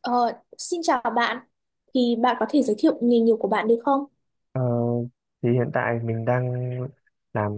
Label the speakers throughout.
Speaker 1: Ờ, xin chào bạn, thì bạn có thể giới thiệu nghề nghiệp của bạn được không?
Speaker 2: Ờ, thì hiện tại mình đang làm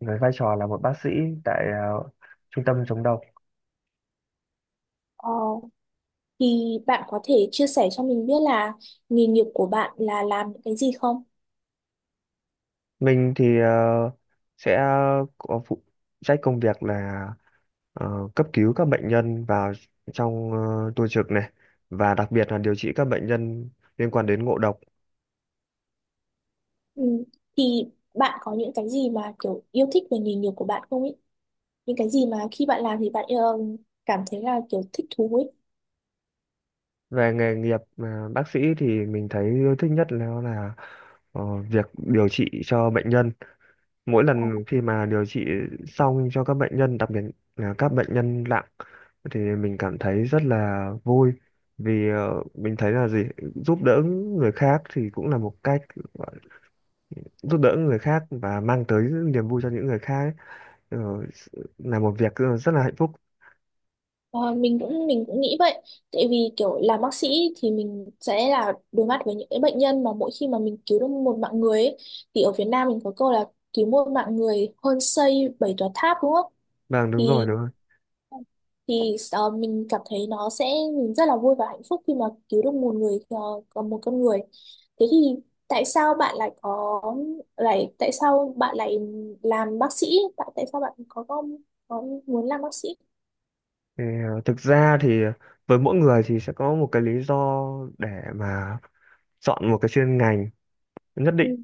Speaker 2: với vai trò là một bác sĩ tại trung tâm chống độc.
Speaker 1: Ờ, thì bạn có thể chia sẻ cho mình biết là nghề nghiệp của bạn là làm những cái gì không?
Speaker 2: Mình thì sẽ có phụ trách công việc là cấp cứu các bệnh nhân vào trong tua trực này, và đặc biệt là điều trị các bệnh nhân liên quan đến ngộ độc.
Speaker 1: Ừ. Thì bạn có những cái gì mà kiểu yêu thích về nghề nghiệp của bạn không ấy? Những cái gì mà khi bạn làm thì bạn cảm thấy là kiểu thích thú ấy?
Speaker 2: Về nghề nghiệp bác sĩ thì mình thấy yêu thích nhất là ờ, việc điều trị cho bệnh nhân. Mỗi lần khi mà điều trị xong cho các bệnh nhân, đặc biệt là các bệnh nhân nặng, thì mình cảm thấy rất là vui, vì mình thấy là gì, giúp đỡ người khác thì cũng là một cách gọi- giúp đỡ người khác và mang tới niềm vui cho những người khác ấy. Ờ, là một việc rất là hạnh phúc.
Speaker 1: Ờ, mình cũng nghĩ vậy, tại vì kiểu làm bác sĩ thì mình sẽ là đối mặt với những cái bệnh nhân mà mỗi khi mà mình cứu được một mạng người ấy, thì ở Việt Nam mình có câu là cứu một mạng người hơn xây 7 tòa tháp, đúng không?
Speaker 2: Vâng, đúng rồi,
Speaker 1: thì
Speaker 2: đúng rồi.
Speaker 1: thì ờ, mình cảm thấy nó sẽ mình rất là vui và hạnh phúc khi mà cứu được một người, còn một con người. Thế thì tại sao bạn lại có lại tại sao bạn lại làm bác sĩ, tại tại sao bạn có muốn làm bác sĩ?
Speaker 2: Thì, ờ, thực ra thì với mỗi người thì sẽ có một cái lý do để mà chọn một cái chuyên ngành nhất định.
Speaker 1: Ừ.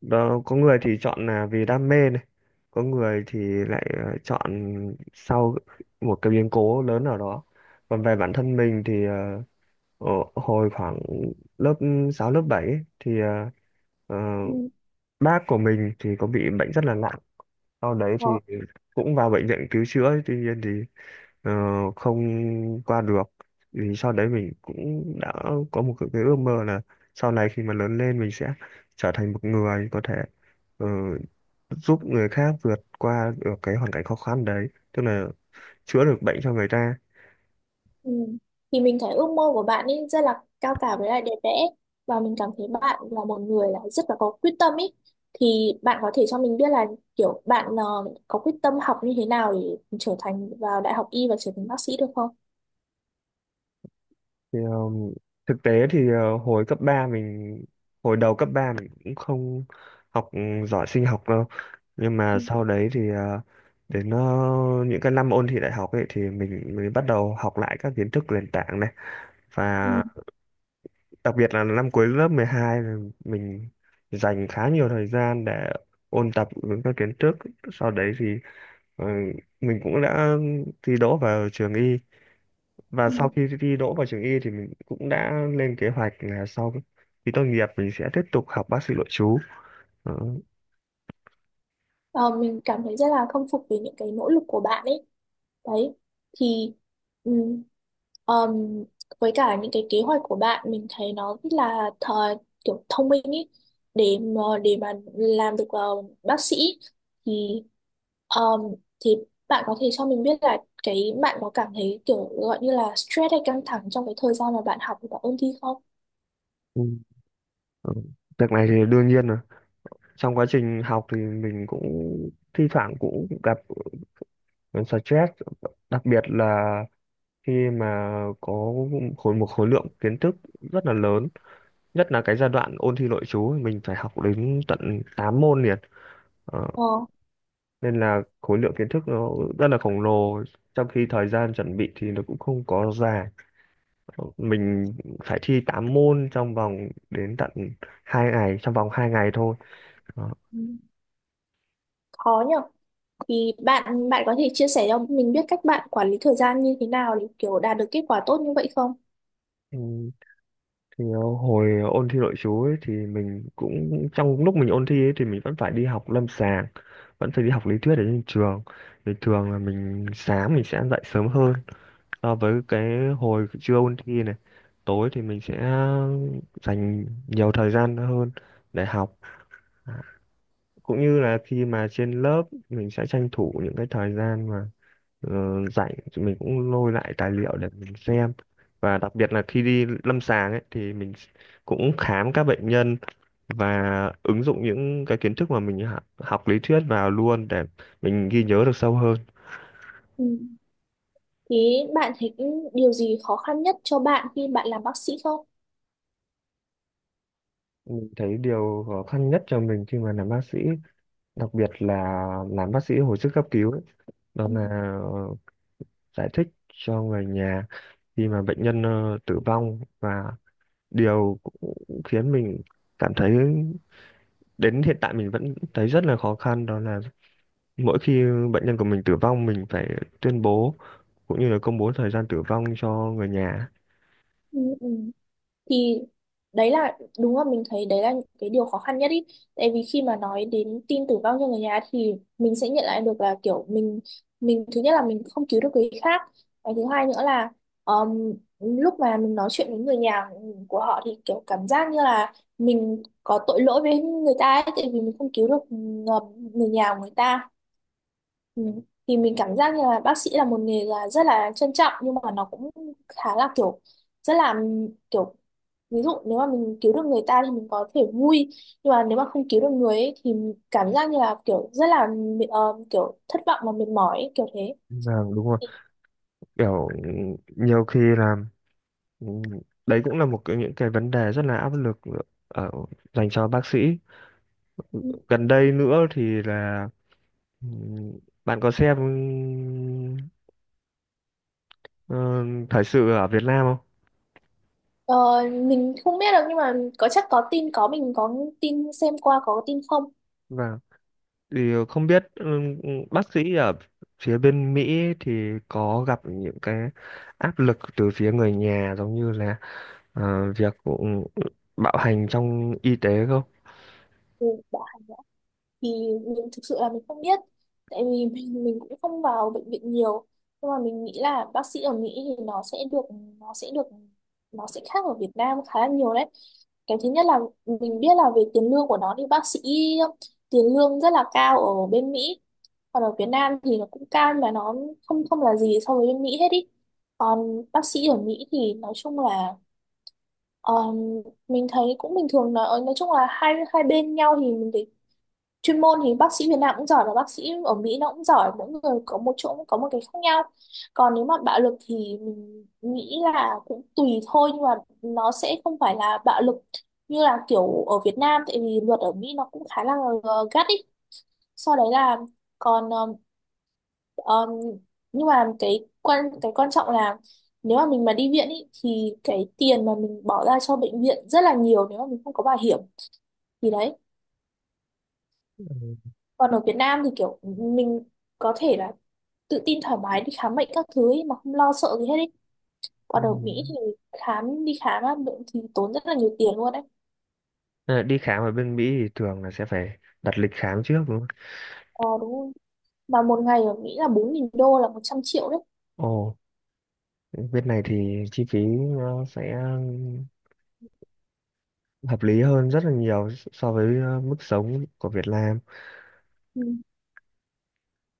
Speaker 2: Đó, có người thì chọn là vì đam mê này, có người thì lại chọn sau một cái biến cố lớn nào đó. Còn về bản thân mình thì ở hồi khoảng lớp 6 lớp 7 ấy, thì ờ,
Speaker 1: Ừ.
Speaker 2: bác của mình thì có bị bệnh rất là nặng. Sau đấy thì
Speaker 1: Ờ.
Speaker 2: cũng vào bệnh viện cứu chữa, tuy nhiên thì ờ, không qua được. Vì sau đấy mình cũng đã có một cái ước mơ là sau này khi mà lớn lên mình sẽ trở thành một người có thể ờ, giúp người khác vượt qua được cái hoàn cảnh khó khăn đấy, tức là chữa được bệnh cho người ta.
Speaker 1: Ừ. Thì mình thấy ước mơ của bạn ấy rất là cao cả với lại đẹp đẽ, và mình cảm thấy bạn là một người là rất là có quyết tâm ấy. Thì bạn có thể cho mình biết là kiểu bạn có quyết tâm học như thế nào để trở thành vào đại học y và trở thành bác sĩ được không?
Speaker 2: Thì, thực tế thì uh, hồi cấp 3 mình hồi đầu cấp 3 mình cũng không học giỏi sinh học đâu. Nhưng mà
Speaker 1: Ừ.
Speaker 2: sau đấy thì đến những cái năm ôn thi đại học ấy thì mình mới bắt đầu học lại các kiến thức nền tảng này. Và
Speaker 1: Ừ.
Speaker 2: đặc biệt là năm cuối lớp 12 là mình dành khá nhiều thời gian để ôn tập những các kiến thức. Sau đấy thì ờ, mình cũng đã thi đỗ vào trường y, và
Speaker 1: Ừ.
Speaker 2: sau khi thi đỗ vào trường y thì mình cũng đã lên kế hoạch là sau khi tốt nghiệp mình sẽ tiếp tục học bác sĩ nội trú. Đó.
Speaker 1: Ờ, mình cảm thấy rất là khâm phục về những cái nỗ lực của bạn ấy đấy. Thì ừ, Ờm, với cả những cái kế hoạch của bạn mình thấy nó rất là kiểu thông minh ý để mà làm được bác sĩ. Thì ờm, thì bạn có thể cho mình biết là cái bạn có cảm thấy kiểu gọi như là stress hay căng thẳng trong cái thời gian mà bạn học và ôn thi không?
Speaker 2: Ừ. Ừ. Việc này thì đương nhiên rồi. Trong quá trình học thì mình cũng thi thoảng cũng gặp ờ, stress, đặc biệt là khi mà có một khối lượng kiến thức rất là lớn, nhất là cái giai đoạn ôn thi nội trú mình phải học đến tận 8 môn liền. Ờ,
Speaker 1: Ờ,
Speaker 2: Nên là khối lượng kiến thức nó rất là khổng lồ, trong khi thời gian chuẩn bị thì nó cũng không có dài. Mình phải thi 8 môn trong vòng hai ngày thôi. Đó.
Speaker 1: ừ, khó nhở. Thì bạn bạn có thể chia sẻ cho mình biết cách bạn quản lý thời gian như thế nào để kiểu đạt được kết quả tốt như vậy không?
Speaker 2: Ừ, thì hồi ôn thi nội trú ấy, thì mình cũng, trong lúc mình ôn thi ấy, thì mình vẫn phải đi học lâm sàng, vẫn phải đi học lý thuyết ở trên trường. Thì thường là mình sáng mình sẽ dậy sớm hơn so với cái hồi trưa ôn thi này. Tối thì mình sẽ dành nhiều thời gian hơn để học. À, cũng như là khi mà trên lớp mình sẽ tranh thủ những cái thời gian mà rảnh, thì mình cũng lôi lại tài liệu để mình xem. Và đặc biệt là khi đi lâm sàng ấy thì mình cũng khám các bệnh nhân và ứng dụng những cái kiến thức mà mình học lý thuyết vào luôn để mình ghi nhớ được sâu hơn.
Speaker 1: Ừ. Thế bạn thấy điều gì khó khăn nhất cho bạn khi bạn làm bác sĩ không?
Speaker 2: Mình thấy điều khó khăn nhất cho mình khi mà làm bác sĩ, đặc biệt là làm bác sĩ hồi sức cấp cứu ấy. Đó
Speaker 1: Ừ.
Speaker 2: là ờ, giải thích cho người nhà khi mà bệnh nhân tử vong. Và điều cũng khiến mình cảm thấy đến hiện tại mình vẫn thấy rất là khó khăn, đó là mỗi khi bệnh nhân của mình tử vong mình phải tuyên bố cũng như là công bố thời gian tử vong cho người nhà.
Speaker 1: Ừ, ừ. Thì đấy là đúng là mình thấy đấy là những cái điều khó khăn nhất ý. Tại vì khi mà nói đến tin tử vong cho người nhà thì mình sẽ nhận lại được là kiểu mình thứ nhất là mình không cứu được người khác. Cái thứ hai nữa là um, lúc mà mình nói chuyện với người nhà của họ thì kiểu cảm giác như là mình có tội lỗi với người ta ấy, tại vì mình không cứu được người nhà của người ta. Ừ. Thì mình cảm giác như là bác sĩ là một nghề là rất là trân trọng, nhưng mà nó cũng khá là kiểu rất là kiểu, ví dụ nếu mà mình cứu được người ta thì mình có thể vui, nhưng mà nếu mà không cứu được người ấy, thì cảm giác như là kiểu rất là kiểu thất vọng và mệt mỏi ấy, kiểu thế.
Speaker 2: Vâng, đúng rồi. Kiểu nhiều khi là ừ, đấy cũng là những cái vấn đề rất là áp lực ở dành cho bác sĩ. Gần đây nữa thì là Ừm, bạn có xem ờ, thời sự ở Việt Nam không?
Speaker 1: Ờ, mình không biết được, nhưng mà có chắc có tin, có mình có tin xem qua, có tin không?
Speaker 2: Vâng. Thì không biết bác sĩ ở phía bên Mỹ thì có gặp những cái áp lực từ phía người nhà, giống như là việc bạo hành trong y tế không?
Speaker 1: Ừ, bảo hành. Thì mình thực sự là mình không biết tại vì mình cũng không vào bệnh viện nhiều, nhưng mà mình nghĩ là bác sĩ ở Mỹ thì nó sẽ được nó sẽ khác ở Việt Nam khá là nhiều đấy. Cái thứ nhất là mình biết là về tiền lương của nó thì bác sĩ tiền lương rất là cao ở bên Mỹ, còn ở Việt Nam thì nó cũng cao nhưng mà nó không không là gì so với bên Mỹ hết ý. Còn bác sĩ ở Mỹ thì nói chung là ờ, mình thấy cũng bình thường, nói chung là hai hai bên nhau thì mình thấy chuyên môn thì bác sĩ Việt Nam cũng giỏi và bác sĩ ở Mỹ nó cũng giỏi, mỗi người có một chỗ có một cái khác nhau. Còn nếu mà bạo lực thì mình nghĩ là cũng tùy thôi, nhưng mà nó sẽ không phải là bạo lực như là kiểu ở Việt Nam tại vì luật ở Mỹ nó cũng khá là gắt ý. Sau đấy là còn ờm, nhưng mà cái quan trọng là nếu mà mình mà đi viện ý, thì cái tiền mà mình bỏ ra cho bệnh viện rất là nhiều nếu mà mình không có bảo hiểm, thì đấy.
Speaker 2: Ừ.
Speaker 1: Còn ở Việt Nam thì kiểu mình có thể là tự tin thoải mái đi khám bệnh các thứ ấy mà không lo sợ gì hết ấy. Còn ở Mỹ
Speaker 2: Ừm.
Speaker 1: thì khám đi khám á, bệnh thì tốn rất là nhiều tiền luôn đấy.
Speaker 2: À, đi khám ở bên Mỹ thì thường là sẽ phải đặt lịch khám trước đúng không?
Speaker 1: Ờ đúng rồi. Mà một ngày ở Mỹ là 4.000 đô là 100 triệu đấy.
Speaker 2: Ồ, bên này thì chi phí nó sẽ hợp lý hơn rất là nhiều so với mức sống của Việt Nam.
Speaker 1: Ừ.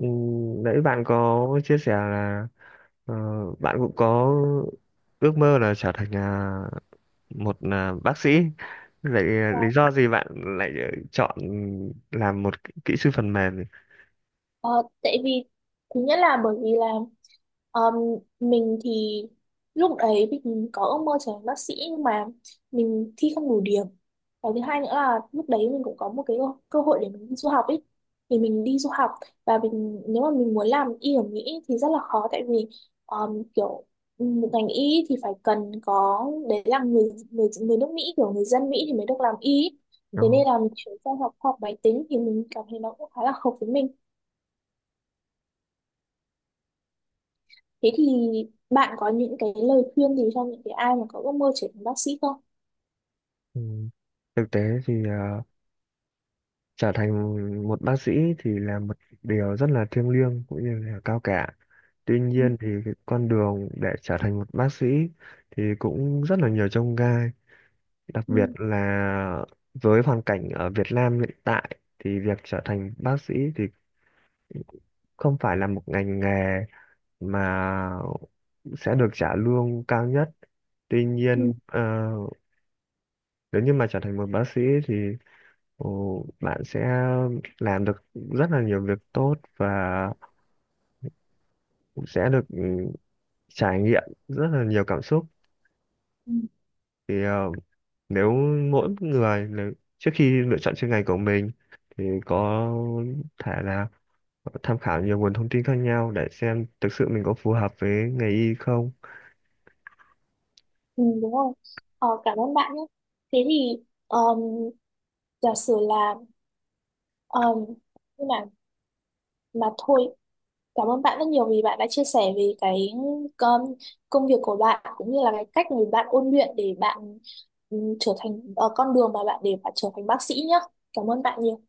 Speaker 2: Ừ, nãy bạn có chia sẻ là ờ, bạn cũng có ước mơ là trở thành một bác sĩ. Vậy
Speaker 1: Ờ,
Speaker 2: lý do gì bạn lại chọn làm một kỹ kỹ sư phần mềm nhỉ?
Speaker 1: ờ, tại vì thứ nhất là bởi vì là ờm, mình thì lúc đấy mình có ước mơ trở thành bác sĩ, nhưng mà mình thi không đủ điểm. Cái thứ hai nữa là lúc đấy mình cũng có một cái cơ hội để mình đi du học ấy. Thì mình đi du học, và mình nếu mà mình muốn làm y ở Mỹ thì rất là khó tại vì kiểu một ngành y thì phải cần có đấy là người người người nước Mỹ, kiểu người dân Mỹ thì mới được làm y ấy.
Speaker 2: Ờ,
Speaker 1: Thế nên là mình chuyển sang học khoa học máy tính thì mình cảm thấy nó cũng khá là hợp với mình. Thế thì bạn có những cái lời khuyên gì cho những cái ai mà có ước mơ trở thành bác sĩ không?
Speaker 2: ừ. Thực tế thì trở thành một bác sĩ thì là một điều rất là thiêng liêng cũng như là cao cả. Tuy
Speaker 1: Ừ,
Speaker 2: nhiên thì cái con đường để trở thành một bác sĩ thì cũng rất là nhiều chông gai, đặc
Speaker 1: ừ,
Speaker 2: biệt là với hoàn cảnh ở Việt Nam hiện tại thì việc trở thành bác sĩ thì không phải là một ngành nghề mà sẽ được trả lương cao nhất. Tuy nhiên nếu như mà trở thành một bác sĩ thì bạn sẽ làm được rất là nhiều việc tốt và cũng sẽ được trải nghiệm rất là nhiều cảm xúc.
Speaker 1: ừ.
Speaker 2: Thì nếu mỗi người nếu, trước khi lựa chọn chuyên ngành của mình, thì có thể là tham khảo nhiều nguồn thông tin khác nhau để xem thực sự mình có phù hợp với nghề y không.
Speaker 1: Ừ, đúng rồi. Ờ, cảm ơn bạn nhé. Thế thì um, giả sử là um, nhưng mà thôi, cảm ơn bạn rất nhiều vì bạn đã chia sẻ về cái um, công việc của bạn cũng như là cái cách mà bạn ôn luyện để bạn con đường mà bạn để bạn trở thành bác sĩ nhé. Cảm ơn bạn nhiều.